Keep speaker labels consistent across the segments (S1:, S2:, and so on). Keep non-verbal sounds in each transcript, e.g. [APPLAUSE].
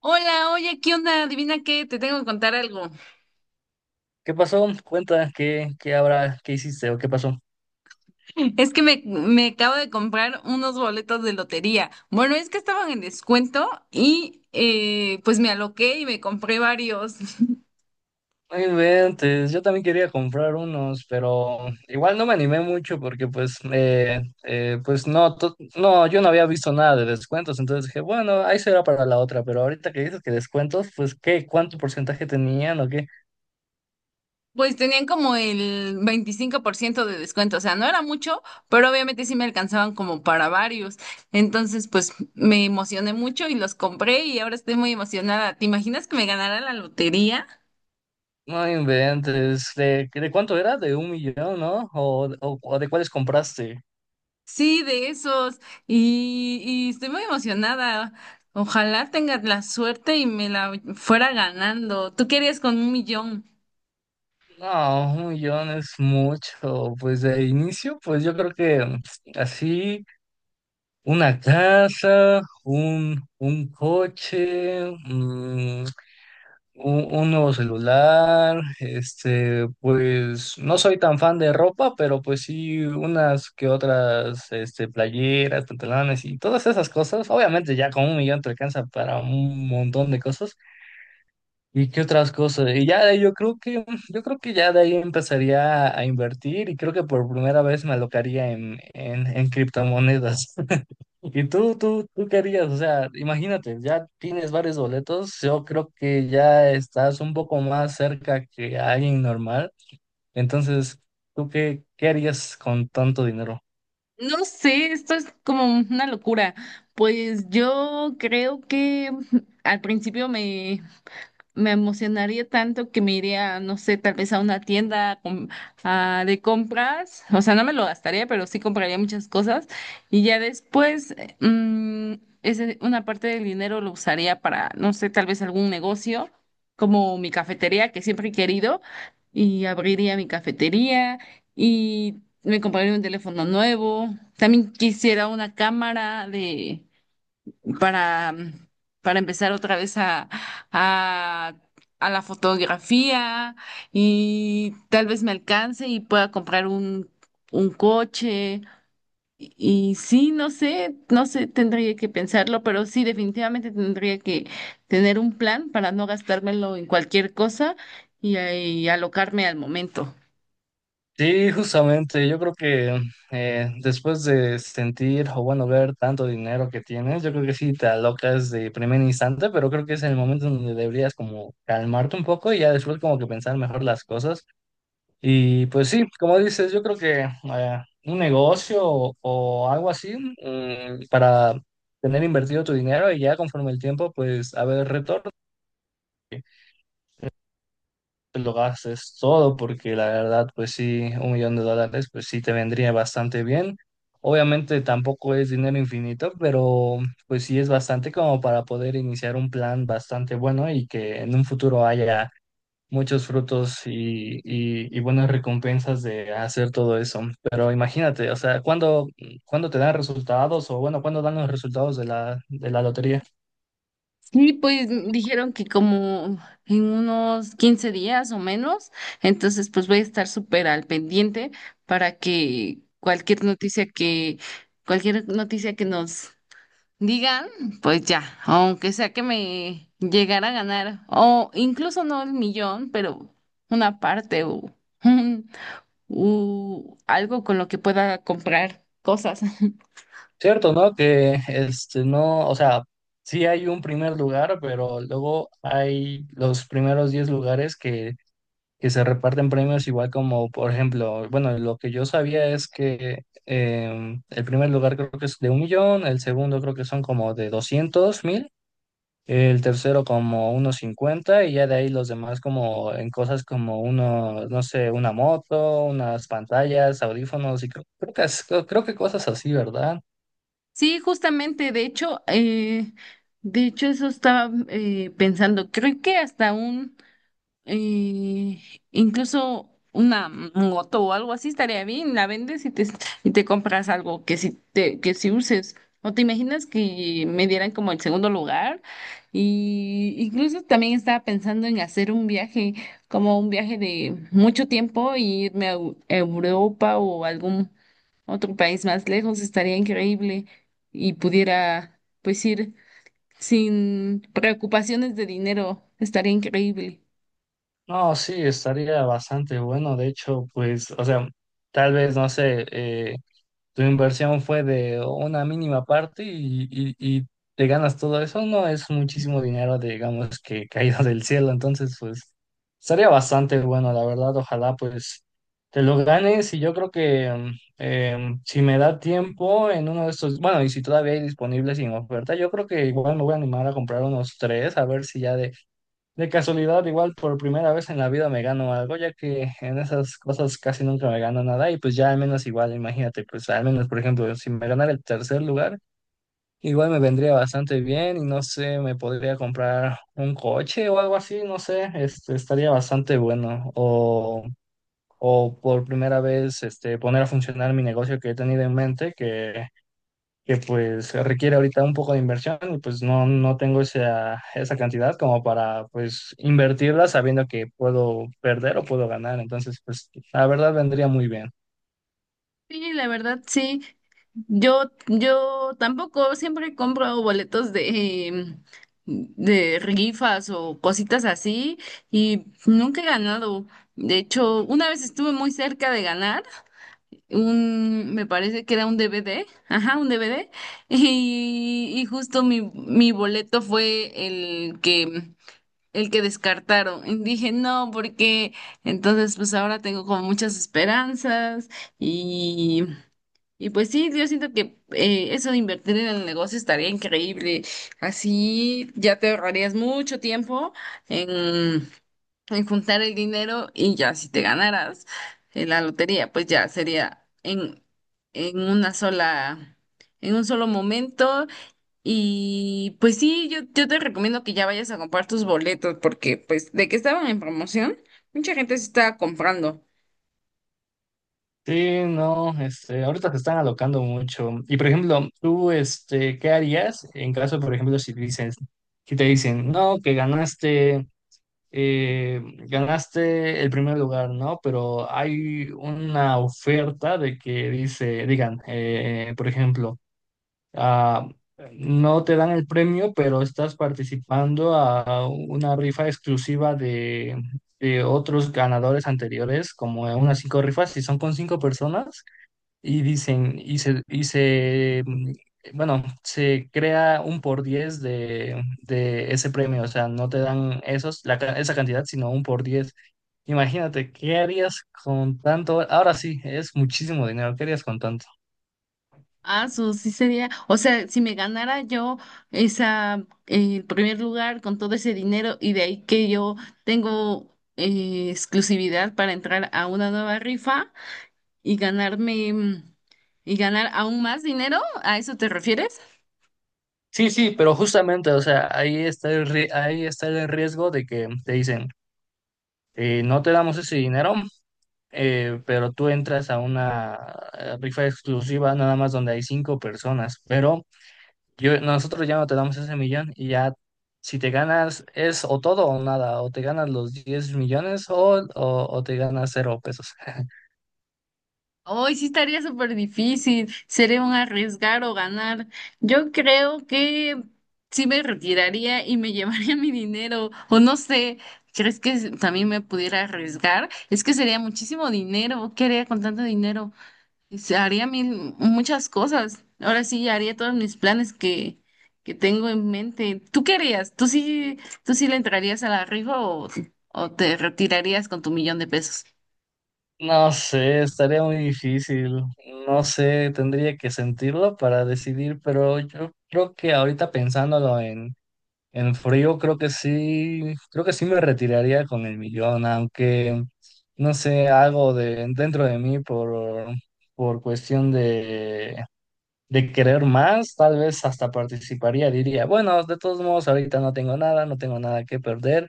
S1: Hola, oye, ¿qué onda? Adivina qué, te tengo que contar algo.
S2: ¿Qué pasó? Cuenta, ¿qué habrá, qué hiciste o qué pasó.
S1: Es que me acabo de comprar unos boletos de lotería. Bueno, es que estaban en descuento y pues me aloqué y me compré varios. [LAUGHS]
S2: No inventes, yo también quería comprar unos, pero igual no me animé mucho porque pues, pues no, no, yo no había visto nada de descuentos, entonces dije, bueno, ahí será para la otra, pero ahorita que dices que descuentos, pues ¿qué? ¿Cuánto porcentaje tenían o qué?
S1: Pues tenían como el 25% de descuento, o sea, no era mucho, pero obviamente sí me alcanzaban como para varios. Entonces, pues me emocioné mucho y los compré y ahora estoy muy emocionada. ¿Te imaginas que me ganara la lotería?
S2: No inventes, ¿de cuánto era? ¿De un millón, no? ¿O de cuáles compraste?
S1: Sí, de esos. Y estoy muy emocionada. Ojalá tengas la suerte y me la fuera ganando. Tú querías con un millón.
S2: No, 1,000,000 es mucho, pues de inicio, pues yo creo que así... Una casa, un coche, un nuevo celular, este, pues no soy tan fan de ropa, pero pues sí unas que otras, este, playeras, pantalones y todas esas cosas. Obviamente ya con un millón te alcanza para un montón de cosas. ¿Y qué otras cosas? Y ya de ahí yo creo que ya de ahí empezaría a invertir y creo que por primera vez me alocaría en criptomonedas. ¿Y tú querías? O sea, imagínate, ya tienes varios boletos, yo creo que ya estás un poco más cerca que alguien normal, entonces, ¿tú qué, qué harías con tanto dinero?
S1: No sé, esto es como una locura. Pues yo creo que al principio me emocionaría tanto que me iría, no sé, tal vez a una tienda a de compras, o sea, no me lo gastaría, pero sí compraría muchas cosas y ya después mm, una parte del dinero lo usaría para, no sé, tal vez algún negocio como mi cafetería que siempre he querido y abriría mi cafetería y me compraría un teléfono nuevo. También quisiera una cámara para, para empezar otra vez a, a la fotografía y tal vez me alcance y pueda comprar un coche. Y, sí, no sé, tendría que pensarlo, pero sí, definitivamente tendría que tener un plan para no gastármelo en cualquier cosa y alocarme al momento.
S2: Sí, justamente, yo creo que después de sentir o bueno, ver tanto dinero que tienes, yo creo que sí te alocas de primer instante, pero creo que es el momento donde deberías como calmarte un poco y ya después como que pensar mejor las cosas. Y pues sí, como dices, yo creo que un negocio o algo así para tener invertido tu dinero y ya conforme el tiempo, pues a ver retorno, te lo gastes todo, porque la verdad, pues sí, un millón de dólares, pues sí te vendría bastante bien. Obviamente tampoco es dinero infinito, pero pues sí es bastante como para poder iniciar un plan bastante bueno y que en un futuro haya muchos frutos y, y buenas recompensas de hacer todo eso. Pero imagínate, o sea, ¿cuándo, cuándo te dan resultados o bueno, cuándo dan los resultados de de la lotería?
S1: Sí, pues dijeron que como en unos 15 días o menos, entonces pues voy a estar súper al pendiente para que cualquier noticia que nos digan, pues ya, aunque sea que me llegara a ganar, o incluso no el millón, pero una parte o, [LAUGHS] o algo con lo que pueda comprar cosas.
S2: Cierto, ¿no? Que este no, o sea, sí hay un primer lugar, pero luego hay los primeros 10 lugares que se reparten premios igual como, por ejemplo, bueno, lo que yo sabía es que el primer lugar creo que es de un millón, el segundo creo que son como de 200 mil. El tercero como unos 50 y ya de ahí los demás como en cosas como uno, no sé, una moto, unas pantallas, audífonos y creo, creo que, creo, creo que cosas así, ¿verdad?
S1: Sí, justamente, de hecho eso estaba pensando, creo que hasta eh, incluso una moto o algo así estaría bien, la vendes y te compras algo que si uses. ¿O te imaginas que me dieran como el segundo lugar? Y incluso también estaba pensando en hacer un viaje, como un viaje de mucho tiempo, y irme a Europa o algún otro país más lejos, estaría increíble y pudiera pues ir sin preocupaciones de dinero, estaría increíble.
S2: No, sí, estaría bastante bueno. De hecho, pues, o sea, tal vez, no sé, tu inversión fue de una mínima parte y, y te ganas todo eso, no es muchísimo dinero, digamos, que caído [LAUGHS] del cielo. Entonces, pues, estaría bastante bueno, la verdad. Ojalá, pues, te lo ganes. Y yo creo que si me da tiempo en uno de estos, bueno, y si todavía hay disponibles sin oferta, yo creo que igual me voy a animar a comprar unos tres, a ver si ya de casualidad, igual por primera vez en la vida me gano algo, ya que en esas cosas casi nunca me gano nada y pues ya al menos igual, imagínate, pues al menos por ejemplo, si me ganara el tercer lugar, igual me vendría bastante bien y no sé, me podría comprar un coche o algo así, no sé, este, estaría bastante bueno. O por primera vez este, poner a funcionar mi negocio que he tenido en mente, que pues requiere ahorita un poco de inversión y pues no, no tengo esa cantidad como para pues invertirla sabiendo que puedo perder o puedo ganar. Entonces, pues la verdad vendría muy bien.
S1: Sí, la verdad, sí. Yo tampoco siempre compro boletos de rifas o cositas así y nunca he ganado. De hecho, una vez estuve muy cerca de ganar, me parece que era un DVD, ajá, un DVD, [LAUGHS] y justo mi boleto fue el que descartaron. Y dije, no, porque entonces pues ahora tengo como muchas esperanzas y, y pues sí, yo siento que eso de invertir en el negocio estaría increíble. Así ya te ahorrarías mucho tiempo en juntar el dinero y ya si te ganaras la lotería, pues ya sería en una sola, en un solo momento. Y pues sí, yo te recomiendo que ya vayas a comprar tus boletos, porque pues de que estaban en promoción, mucha gente se estaba comprando.
S2: Sí, no, este, ahorita te están alocando mucho. Y por ejemplo, tú, este, ¿qué harías en caso, por ejemplo, si dices, si te dicen, no, que ganaste, eh, ganaste el primer lugar, ¿no? Pero hay una oferta de que dice, digan, por ejemplo, ah, no te dan el premio, pero estás participando a una rifa exclusiva de otros ganadores anteriores, como en unas cinco rifas, y son con cinco personas, y dicen, y se, bueno, se crea un por diez de ese premio, o sea, no te dan esos, esa cantidad, sino un por diez. Imagínate, ¿qué harías con tanto? Ahora sí, es muchísimo dinero, ¿qué harías con tanto?
S1: Ah, eso sí sería, o sea, si me ganara yo el primer lugar con todo ese dinero y de ahí que yo tengo exclusividad para entrar a una nueva rifa y y ganar aún más dinero, ¿a eso te refieres?
S2: Sí, sí, pero justamente, o sea, ahí está el, ahí está el riesgo de que te dicen, no te damos ese dinero, pero tú entras a una rifa exclusiva nada más donde hay cinco personas, pero yo, nosotros ya no te damos ese millón y ya si te ganas es o todo o nada, o te ganas los 10,000,000 o, o te ganas cero pesos. [LAUGHS]
S1: Hoy sí estaría súper difícil, sería un arriesgar o ganar. Yo creo que sí me retiraría y me llevaría [LAUGHS] mi dinero, o no sé, ¿crees que también me pudiera arriesgar? Es que sería muchísimo dinero, ¿qué haría con tanto dinero? Se haría muchas cosas. Ahora sí, haría todos mis planes que tengo en mente. ¿Tú qué harías? ¿Tú sí le entrarías a la rifa o te retirarías con tu millón de pesos?
S2: No sé, estaría muy difícil. No sé, tendría que sentirlo para decidir, pero yo creo que ahorita pensándolo en frío creo que sí me retiraría con el millón, aunque no sé, algo de dentro de mí por cuestión de querer más, tal vez hasta participaría, diría, bueno, de todos modos ahorita no tengo nada, no tengo nada que perder,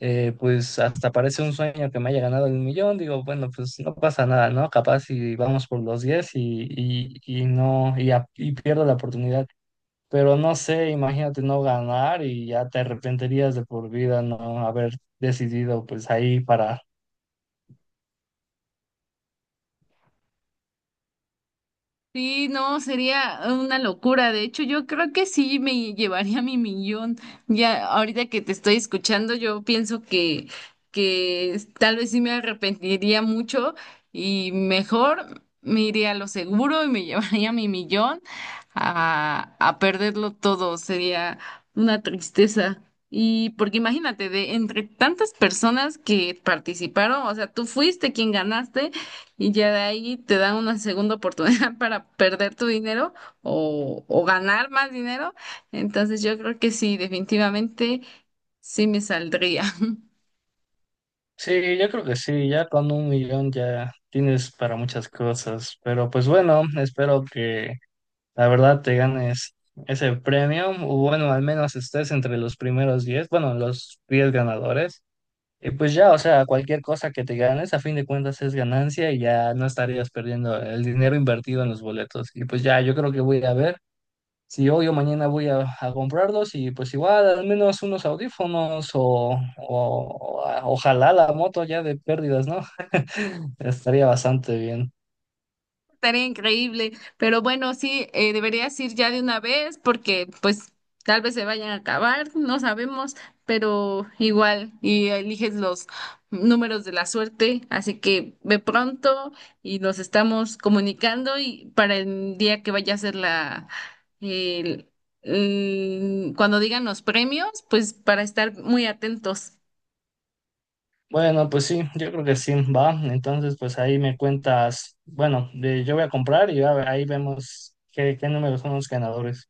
S2: pues hasta parece un sueño que me haya ganado el millón, digo, bueno, pues no pasa nada, ¿no? Capaz si vamos por los 10 y, y no, y, y pierdo la oportunidad, pero no sé, imagínate no ganar y ya te arrepentirías de por vida no haber decidido pues ahí para...
S1: Sí, no, sería una locura. De hecho, yo creo que sí me llevaría mi millón. Ya ahorita que te estoy escuchando, yo pienso que tal vez sí me arrepentiría mucho y mejor me iría a lo seguro y me [LAUGHS] llevaría mi millón a perderlo todo. Sería una tristeza. Y porque imagínate, de entre tantas personas que participaron, o sea, tú fuiste quien ganaste. Y ya de ahí te dan una segunda oportunidad [LAUGHS] para perder tu dinero o ganar más dinero. Entonces yo creo que sí, definitivamente sí me saldría.
S2: Sí, yo creo que sí, ya con un millón ya tienes para muchas cosas, pero pues bueno, espero que la verdad te ganes ese premio, o bueno, al menos estés entre los primeros diez, bueno, los 10 ganadores, y pues ya, o sea, cualquier cosa que te ganes, a fin de cuentas es ganancia y ya no estarías perdiendo el dinero invertido en los boletos, y pues ya, yo creo que voy a ir a ver. Si hoy o mañana voy a comprarlos y pues igual al menos unos audífonos o, o ojalá la moto ya de pérdidas, ¿no? [LAUGHS] Estaría bastante bien.
S1: Estaría increíble, pero bueno, sí, deberías ir ya de una vez porque pues tal vez se vayan a acabar, no sabemos, pero igual y eliges los números de la suerte, así que ve pronto y nos estamos comunicando y para el día que vaya a ser el- cuando digan los premios, pues para estar muy atentos.
S2: Bueno, pues sí, yo creo que sí, va. Entonces, pues ahí me cuentas, bueno, yo voy a comprar y ahí vemos qué, qué números son los ganadores.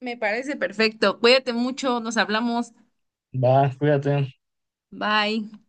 S1: Me parece perfecto. Cuídate mucho, nos hablamos.
S2: Va, cuídate.
S1: Bye.